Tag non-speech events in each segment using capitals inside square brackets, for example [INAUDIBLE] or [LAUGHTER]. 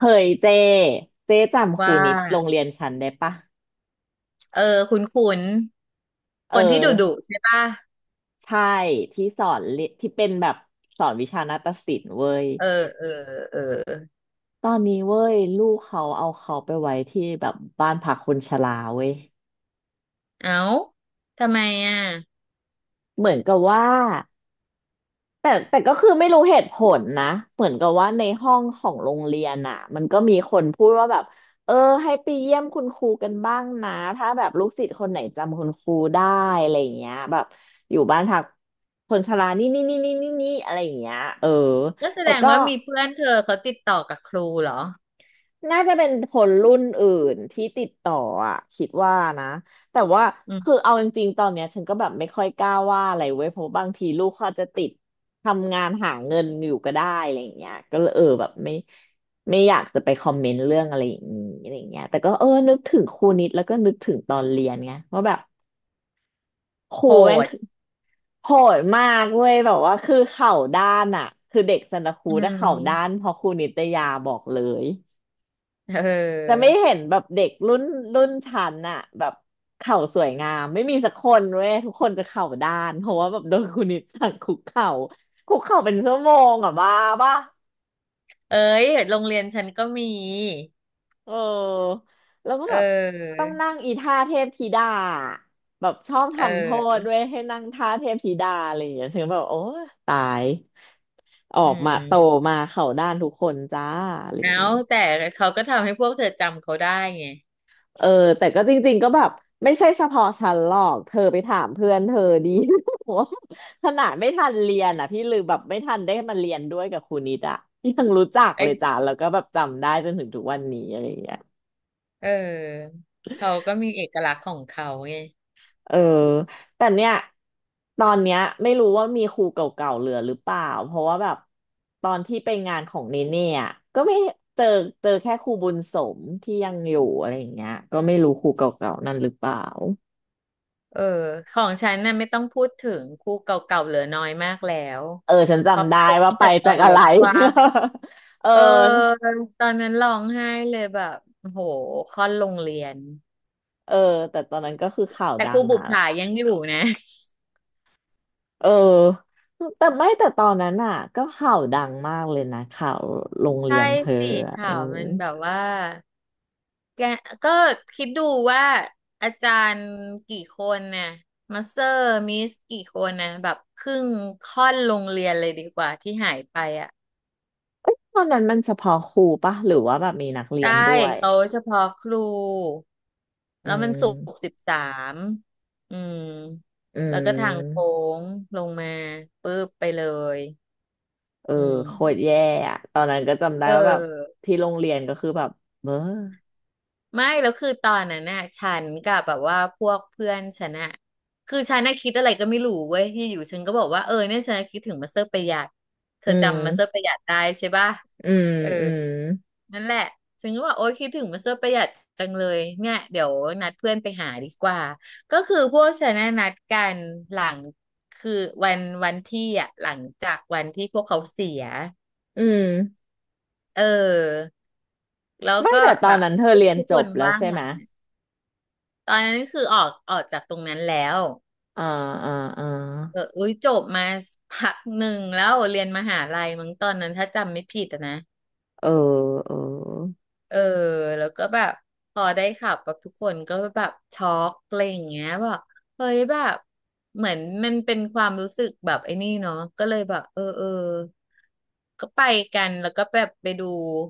เฮ้ยเจเจจำครูว่านิดโรงเรียนฉันได้ปะเออคุณคเออนที่ดุดุใช่ป่ะใช่ที่สอนเรียที่เป็นแบบสอนวิชานาฏศิลป์เว้ยเออเออเออตอนนี้เว้ยลูกเขาเอาเขาไปไว้ที่แบบบ้านพักคนชราเว้ยเอ้าทำไมอ่ะเหมือนกับว่า แต่ก็คือไม่รู้เหตุผลนะเหมือนกับว่าในห้องของโรงเรียนอ่ะมันก็มีคนพูดว่าแบบเออให้ไปเยี่ยมคุณครูกันบ้างนะถ้าแบบลูกศิษย์คนไหนจำคุณครูได้อะไรอย่างเงี้ยแบบอยู่บ้านพักคนชรานี่นี่นี่นี่นี่นี่อะไรอย่างเงี้ยเออก็แสแต่ดงก็ ว่ามีเพื่อนเธอเขาติดต่อกับครูเหรอน่าจะเป็นคนรุ่นอื่นที่ติดต่ออ่ะคิดว่านะแต่ว่าอืคือมเอาจริงๆตอนเนี้ยฉันก็แบบไม่ค่อยกล้าว่าอะไรเว้ยเพราะบางทีลูกเขาอาจจะติดทำงานหาเงินอยู่ก็ได้อะไรอย่างเงี้ยก็เลยเออแบบไม่ไม่อยากจะไปคอมเมนต์เรื่องอะไรอย่างนี้อะไรอย่างเงี้ยแต่ก็เออนึกถึงครูนิดแล้วก็นึกถึงตอนเรียนไงว่าแบบครูโหแม่งดคือโหดมากเว้ยแบบว่าคือเข่าด้านอ่ะคือเด็กสันตะครูอืถ้าเข่าด้ามนเพอครูนิตยาบอกเลย เอจะอไม่เห็นแบบเด็กรุ่นชั้นอะแบบเข่าสวยงามไม่มีสักคนเว้ยทุกคนจะเข่าด้านเพราะว่าแบบโดนคุณนิดสั่งคุกเข่าคุกเข่าเป็นชั่วโมงอะบ้าป่ะเอ้ยโรงเรียนฉันก็มีเออแล้วก็เแบบออต้องนั่งอีท่าเทพธิดาแบบชอบเทำโทษออด้วยให้นั่งท่าเทพธิดาอะไรอย่างเงี้ยฉันก็แบบโอ้ตายออือกมาโตมมาเข่าด้านทุกคนจ้าอะไรอเอ้าย่างเงี้ย แต่เขาก็ทำให้พวกเธอจำเขาได้ไงเออแต่ก็จริงๆก็แบบไม่ใช่เฉพาะฉันหรอกเธอไปถามเพื่อนเธอดี [LAUGHS] ว่าขนาดไม่ทันเรียนอ่ะพี่ลือแบบไม่ทันได้มาเรียนด้วยกับครูนิดอ่ะยังรู้จักเลเอ้ยยจ้ะแล้วก็แบบจำได้จนถึงทุกวันนี้อะไรอย่างเงี้ยเออเขาก็มีเอกลักษณ์ของเขาไง เออแต่เนี่ยตอนเนี้ยไม่รู้ว่ามีครูเก่าๆเหลือหรือเปล่าเพราะว่าแบบตอนที่ไปงานของเนเน่อะก็ไม่เจอเจอแค่ครูบุญสมที่ยังอยู่อะไรอย่างเงี้ยก็ไม่รู้ครูเก่าๆนั่นหรือเปล่า เออของฉันน่ะไม่ต้องพูดถึงคู่เก่าๆเหลือน้อยมากแล้วเออฉันเพราะจำไปได้ว่าตั้งไปแต่ตจาอกนอะลไร ดความ [LAUGHS] เออเออตอนนั้นร้องไห้เลยแบบโอ้โหค่อนโรงเรียนเออแต่ตอนนั้นก็คือข่าวแต่ดัครูงบุอ่ะปผายังอยู่นะเออแต่ไม่แต่ตอนนั้นอ่ะก็ข่าวดังมากเลยนะข่าวโรงเรียใช่นเธอสิอะเออข่าวมันแบบว่าแกก็คิดดูว่าอาจารย์กี่คนน่ะมาสเตอร์มิสกี่คนนะแบบครึ่งค่อนโรงเรียนเลยดีกว่าที่หายไปอ่ะ ตอนนั้นมันเฉพาะครูปะหรือว่าแบบมีนักเรียนได้ด้วยเขาเฉพาะครูอืแล้วมันศุกร์มสิบสามอืมอืแล้วก็ทางโค้มงลงมาปุ๊บไปเลยเอออืมโคตรแย่อะตอนนั้นก็จำได้เว่าแบบออที่โรงเรียนก็คือแบบเบ้อไม่แล้วคือตอนนั้นน่ะฉันกับแบบว่าพวกเพื่อนฉันน่ะคือฉันน่ะคิดอะไรก็ไม่รู้เว้ยที่อยู่ฉันก็บอกว่าเออเนี่ยฉันน่ะคิดถึงมาสเตอร์ประหยัดเธอือจำมาสเตอร์ปมระหยัดได้ใช่ป่ะอืมเออ อืมนั่นแหละฉันก็บอกโอ๊ยคิดถึงมาเซอร์ประหยัดจังเลยเนี่ยเดี๋ยวนัดเพื่อนไปหาดีกว่า ก็คือพวกฉันน่ะนัดกันหลังคือวันที่อ่ะหลังจากวันที่พวกเขาเสียอืมเออแล้วไม่ก็แต่ตแบอนบนั้นเธอเรียนทุกจคบนแล้วว่างใช่หลัไหม งเนี่ยตอนนั้นคือออกจากตรงนั้นแล้วอ่าอ่าอ่าเอออุ้ยจบมาพักหนึ่งแล้วเรียนมหาลัยมั้งตอนนั้นถ้าจำไม่ผิดอะนะ เออเออเออแล้วก็แบบพอได้ขับแบบทุกคนก็แบบช็อกอะไรอย่างเงี้ยแบบเฮ้ยแบบเหมือนมันเป็นความรู้สึกแบบไอ้นี่เนาะก็เลยแบบเออเออก็ไปกันแล้วก็แบบไปดู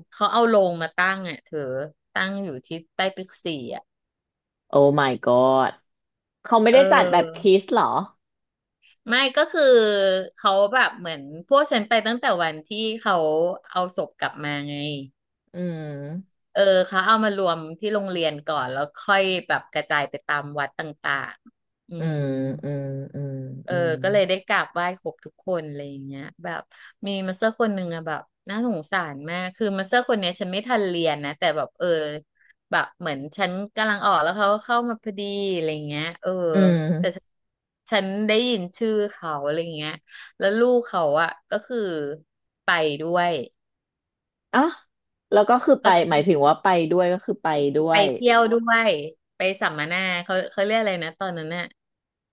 เขาเอาโรงมาตั้งอ่ะเธอตั้งอยู่ที่ใต้ตึกสี่อ่ะโอ้ my god เขาไม่เได้จัดแบบออคิสเหรอไม่ก็คือเขาแบบเหมือนพวกฉันไปตั้งแต่วันที่เขาเอาศพกลับมาไง อืมเออเขาเอามารวมที่โรงเรียนก่อนแล้วค่อยแบบกระจายไปตามวัดต่างๆอือืมมอืมอืมเออือมก็เลยได้กราบไหว้ครบทุกคนอะไรอย่างเงี้ยแบบมีมาสเตอร์คนหนึ่งอะแบบน่าสงสารมากคือมาสเตอร์คนเนี้ยฉันไม่ทันเรียนนะแต่แบบเออแบบเหมือนฉันกำลังออกแล้วเขาก็เข้ามาพอดีอะไรอย่างเงี้ยเอออืแต่มฉันได้ยินชื่อเขาอะไรอย่างเงี้ยแล้วลูกเขาอะก็คือไปด้วย อ่ะแล้วก็คือไปหมายถึงว่าไปด้วยก็คือไปด้วไปยเที่ยวด้วยไปสัมมนาเขาเรียกอะไรนะตอนนั้นน่ะ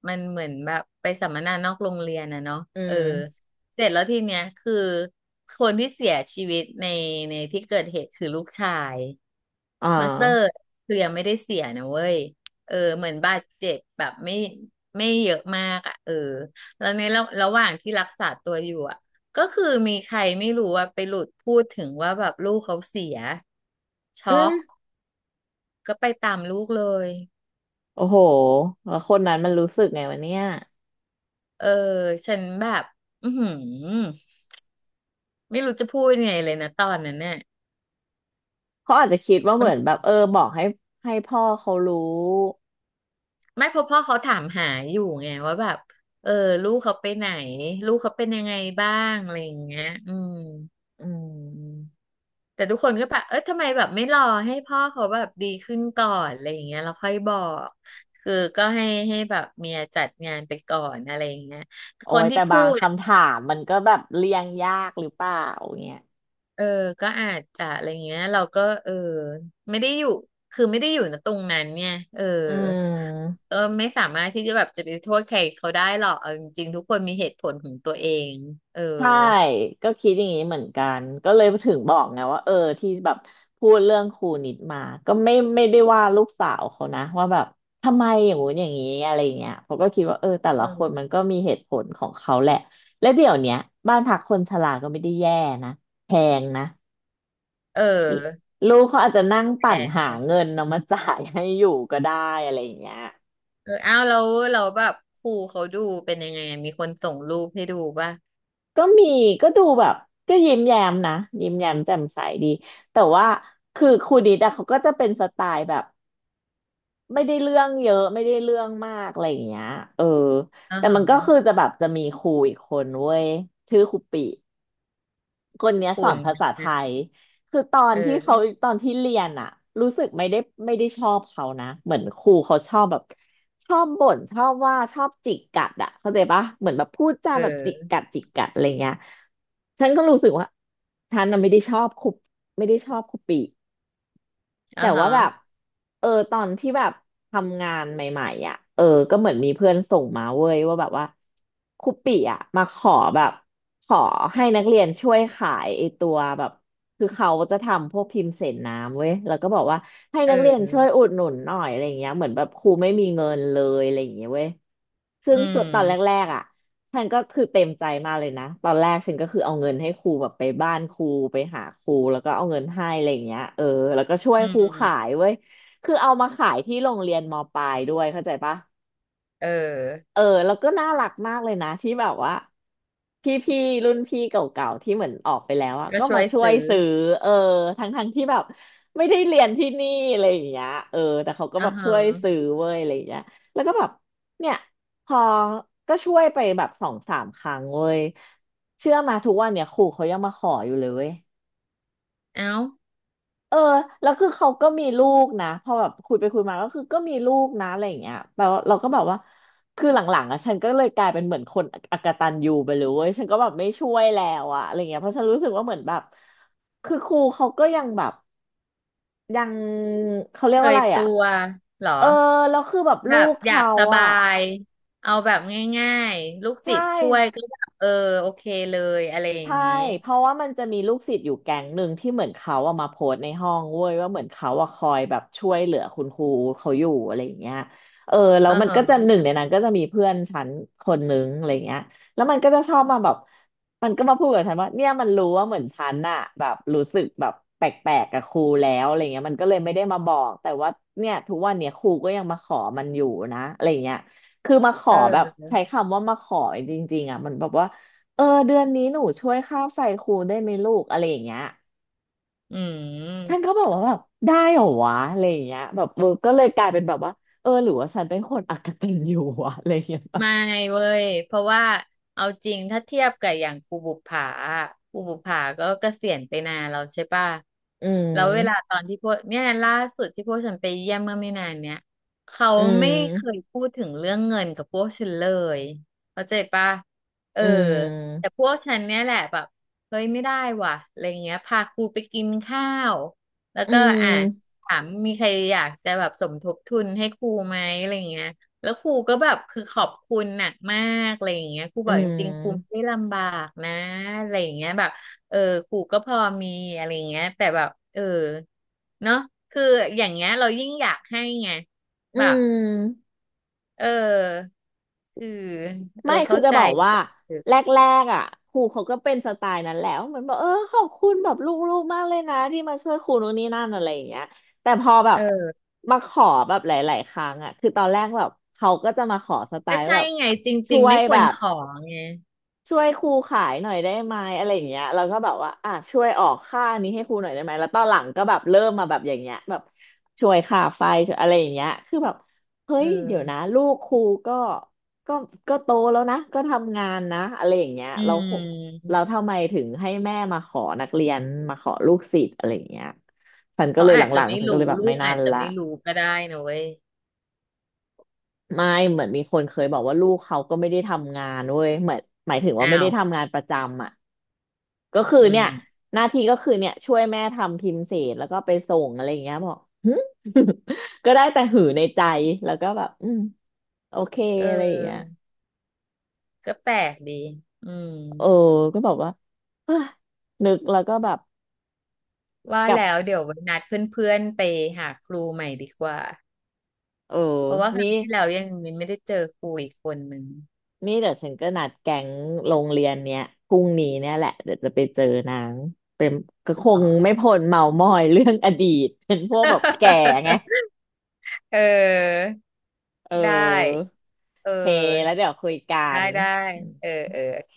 มันเหมือนแบบไปสัมมนานอกโรงเรียนนะเนาะอืเออมเสร็จแล้วทีเนี้ยคือคนที่เสียชีวิตในที่เกิดเหตุคือลูกชายอ่ามาเซอร์คือยังไม่ได้เสียนะเว้ยเออเหมือนบาดเจ็บแบบไม่เยอะมากอ่ะเออแล้วในระหว่างที่รักษาตัวอยู่อ่ะก็คือมีใครไม่รู้ว่าไปหลุดพูดถึงว่าแบบลูกเขาเสียช็อือมก ก็ไปตามลูกเลยโอ้โหแล้วคนนั้นมันรู้สึกไงวะเนี่ยเออฉันแบบอือหือไม่รู้จะพูดยังไงเลยนะตอนนั้นเนี่ยเขาอาจจะคิดว่าเหมันมือนแบบเออบอกให้ให้พ่อเขารู้ไม่เพราะพ่อเขาถามหาอยู่ไงว่าแบบเออลูกเขาไปไหนลูกเขาเป็นยังไงบ้างอะไรอย่างเงี้ยอืมอืมแต่ทุกคนก็แบบเออทำไมแบบไม่รอให้พ่อเขาแบบดีขึ้นก่อนอะไรอย่างเงี้ยเราค่อยบอกคือก็ให้แบบเมียจัดงานไปก่อนอะไรอย่างเงี้ยโอ้คนยที่แต่พูบางด คำถามมันก็แบบเลี่ยงยากหรือเปล่าเนี่ย เออ ก็อาจจะอะไรเงี้ยเราก็เออไม่ได้อยู่คือไม่ได้อยู่ณตรงนั้นเนี่ยเอออืมก็ไม่สามารถที่จะแบบจะไปโทษใครเขาได้หรอกเอาจริงๆทุกคนมีเหตุผลของตัวเองเออใช่ก็คิดอย่างนี้เหมือนกันก็เลยถึงบอกไงว่าเออที่แบบพูดเรื่องครูนิดมาก็ไม่ไม่ได้ว่าลูกสาวเขานะว่าแบบทำไมอย่างงู้นอย่างนี้อะไรเงี้ยเขาก็คิดว่าเออแต่เอละคนอมันก็มีเหตุผลของเขาแหละและเดี๋ยวเนี้ยบ้านพักคนชราก็ไม่ได้แย่นะแพงนะเออลูกเขาอาจจะนั่งแตปั่นหา่เงินเอามาจ่ายให้อยู่ก็ได้อะไรอย่างเงี้ย เอออ้าวแลเราแล้วแบบครูเขาดูเป็นยังไงอะมีคนส่งรูปให้ดูป่ะก็มีก็ดูแบบก็ยิ้มแย้มนะยิ้มแย้มแจ่มใสดีแต่ว่าคือครูดิดอะเขาก็จะเป็นสไตล์แบบไม่ได้เรื่องเยอะไม่ได้เรื่องมากอะไรอย่างเงี้ยเอออ่าแต่มันก็คือฮะจะแบบจะมีครูอีกคนเว้ยชื่อครูปิ คนเนี้ยสอฝุ่นนภาษาไทย คือตอเนที่เขาออตอนที่เรียนอะรู้สึกไม่ได้ไม่ได้ชอบเขานะ เหมือนครูเขาชอบแบบชอบบ่นชอบว่าชอบจิกกัดอะเข้าใจปะเหมือนแบบพูดจาเแบบจิกออกัดจิกกัดอะไรเงี้ยฉันก็รู้สึกว่าฉันน่ะไม่ได้ชอบครูไม่ได้ชอบครูปี อ่าแต่ฮะว่าแบบเออตอนที่แบบทำงานใหม่ๆอ่ะเออก็เหมือนมีเพื่อนส่งมาเว้ยว่าแบบว่าครูปิอ่ะมาขอแบบขอให้นักเรียนช่วยขายไอตัวแบบคือเขาจะทำพวกพิมพ์เศษน้ำเว้ยแล้วก็บอกว่าให้นักเรียนเออช่วยอุดหนุนหน่อยอะไรอย่างเงี้ยเหมือนแบบครูไม่มีเงินเลยอะไรอย่างเงี้ยเว้ยซึ่อืงส่วนตอนแรมกๆอ่ะ ฉันก็คือเต็มใจมากเลยนะตอนแรกฉันก็คือเอาเงินให้ครูแบบไปบ้านครูไปหาครูแล้วก็เอาเงินให้อะไรอย่างเงี้ยเออแล้วก็ช่วยอืครูขายมเว้ยคือเอามาขายที่โรงเรียนมปลายด้วยเข้าใจปะ เออเออแล้วก็น่ารักมากเลยนะที่แบบว่าพี่พี่รุ่นพี่เก่าๆที่เหมือนออกไปแล้วอะก็ก็ช่มาวยช่วยซื้อซื้อเออทั้งที่แบบไม่ได้เรียนที่นี่อะไรอย่างเงี้ยเออแต่เขาก็อ่าแบบฮะช่วยซื้อเว้ยอะไรอย่างเงี้ยแล้วก็แบบเนี่ยพอก็ช่วยไปแบบสองสามครั้งเว้ยเชื่อมาทุกวันเนี่ยครูเขายังมาขออยู่เลยเว้ย เอ้า เออแล้วคือเขาก็มีลูกนะพอแบบคุยไปคุยมาก็คือก็มีลูกนะอะไรอย่างเงี้ยแต่ว่าเราก็แบบว่าคือหลังๆอ่ะฉันก็เลยกลายเป็นเหมือนคนอกตัญญูไปเลยเว้ยฉันก็แบบไม่ช่วยแล้วอะอะไรเงี้ยเพราะฉันรู้สึกว่าเหมือนแบบคือครูเขาก็ยังแบบยังเขาเรียกเคว่ายอะไรตัอะวเหรอเออแล้วคือแบบแบลูบกอยากเขาสบาอะยเอาแบบง่ายๆลูกศิษใช่ ย์ช่วยก็แบบเออโอเคเลยอะไรอย่างใช่ นี้เพราะว่ามันจะมีลูกศิษย์อยู่แก๊งหนึ่งที่เหมือนเขาเอามาโพสต์ในห้องเว้ยว่าเหมือนเขาอะคอยแบบช่วยเหลือคุณครูเขาอยู่อะไรอย่างเงี้ยเออแล้เอวอมันก็จะฮะหนึ่งในนั้นก็จะมีเพื่อนฉันคนนึงอะไรเงี้ยแล้วมันก็จะชอบมาแบบมันก็มาพูดกับฉันว่าเนี่ยมันรู้ว่าเหมือนฉันอะแบบรู้สึกแบบแปลกๆกับครูแล้วอะไรเงี้ยมันก็เลยไม่ได้มาบอกแต่ว่าเนี่ยทุกวันเนี่ยครูก็ยังมาขอมันอยู่นะอะไรเงี้ยคือมาขอแบบเออใช้คำว่ามาขอจริงๆอ่ะมันแบบว่า เออเดือนนี้หนูช่วยค่าไฟครูได้ไหมลูกอะไรอย่างเงี้ยอืฉันก็ม แบบว่าแบบได้เหรอวะอะไรอย่างเงี้ยแบบเออก็เลยกลายเป็นแบบว่าเออหรือว่าฉันเป็นคนอกตัญญูวะอะไรอย่างเงี้ยแบบไม่เว้ยเพราะว่าเอาจริงถ้าเทียบกับอย่างภูบุปผาอะภูบุปผาก็เกษียณไปนานแล้วใช่ป่ะอืแล้วเวลามตอนที่พวกเนี่ยล่าสุดที่พวกฉันไปเยี่ยมเมื่อไม่นานเนี่ยเขาอืไม่เคยมพูดถึงเรื่องเงินกับพวกฉันเลยเข้าใจป่ะเอออืแต่มพวกฉันเนี่ยแหละแบบเฮ้ยไม่ได้ว่ะอะไรเงี้ยพาครูไปกินข้าวแล้วอืก็อ่ะมถามมีใครอยากจะแบบสมทบทุนให้ครูไหมอะไรเงี้ย แล้วครูก็แบบคือขอบคุณหนักมากอะไรอย่างเงี้ยครูอืบอกจริงๆครูไม่มได้ลำบากนะอะไรอย่างเงี้ยแบบเออครูก็พอมีอะไรอย่างเงี้ยแต่แบบเออเนาะคืออย่างเงี้ยเรายิ่งอยากให้ไงอืแบบม เออคือเออไม่ คือเข้าจะใจบอกว่าแรกๆอ่ะครูเขาก็เป็นสไตล์นั้นแหล้วเหมือนบอกเออขอบคุณแบบลูกๆมากเลยนะที่มาช่วยครูนู่นนี่นั่นอะไรอย่างเงี้ยแต่พอแบเบออมาขอแบบหลายๆครั้งอ่ะคือตอนแรกแบบเขาก็จะมาขอสไตก็ล์แบใช่บไงจช่ริงวๆยไม่คแบวรบ ขอไงช่วยครูขายหน่อยได้ไหมอะไรอย่างเงี้ยเราก็แบบว่าอ่ะช่วยออกค่านี้ให้ครูหน่อยได้ไหมแล้วตอนหลังก็แบบเริ่มมาแบบอย่างเงี้ยแบบช่วยค่าไฟช่วยอะไรอย่างเงี้ยคือแบบเฮ้เอยเดี๋ยวนะอลูกครูก็ก็ก็โตแล้วนะก็ทำงานนะอะไรอย่างเงี้ยอืเรามเราทำไมถึงให้แม่มาขอนักเรียนมาขอลูกศิษย์อะไรอย่างเงี้ยฉันก็เขาเลยหอาจจะลังไม่ๆฉันก็เลรู้ยแบบลูไม่กนั่อานจจะละ ไม่รู้ก็ได้นะเว้ยไม่เหมือนมีคนเคยบอกว่าลูกเขาก็ไม่ได้ทำงานเว้ยเหมือนหมายถึงว่าไม่อ้าได้วทำงานประจำอ่ะก็คืออืมเนี่ยหน้าที่ก็คือเนี่ยช่วยแม่ทำพิมพ์เสร็จแล้วก็ไปส่งอะไรอย่างเงี้ยบอก [LAUGHS] ก็ได้แต่หือในใจแล้วก็แบบอืมโอเคเอะไรอย่างเงี้ยออ ก็แปลกดีอืมเออก็บอกว่าเอ้ยนึกแล้วก็แบบว่ากลับแล้วเดี๋ยวไว้นัดเพื่อนๆไปหาครูใหม่ดีกว่า เออเพราะว่าคนี่ รั้งที่แล้วยังไม่ได้เจอครูอีกคนหนึ่งนี่เดี๋ยวฉันก็นัดแก๊งโรงเรียนเนี้ยพรุ่งนี้เนี่ยแหละเดี๋ยวจะไปเจอนางเป็นก็คอ๋งไม่อ พ้นเมามอยเรื่องอดีต [LAUGHS] เป็นพวกแบบแก่ไง [LAUGHS] เออ เไดออ้ โเอเคแล้วออ เดี๋ยวคุยกัได้นได้ เออ เออ โอเค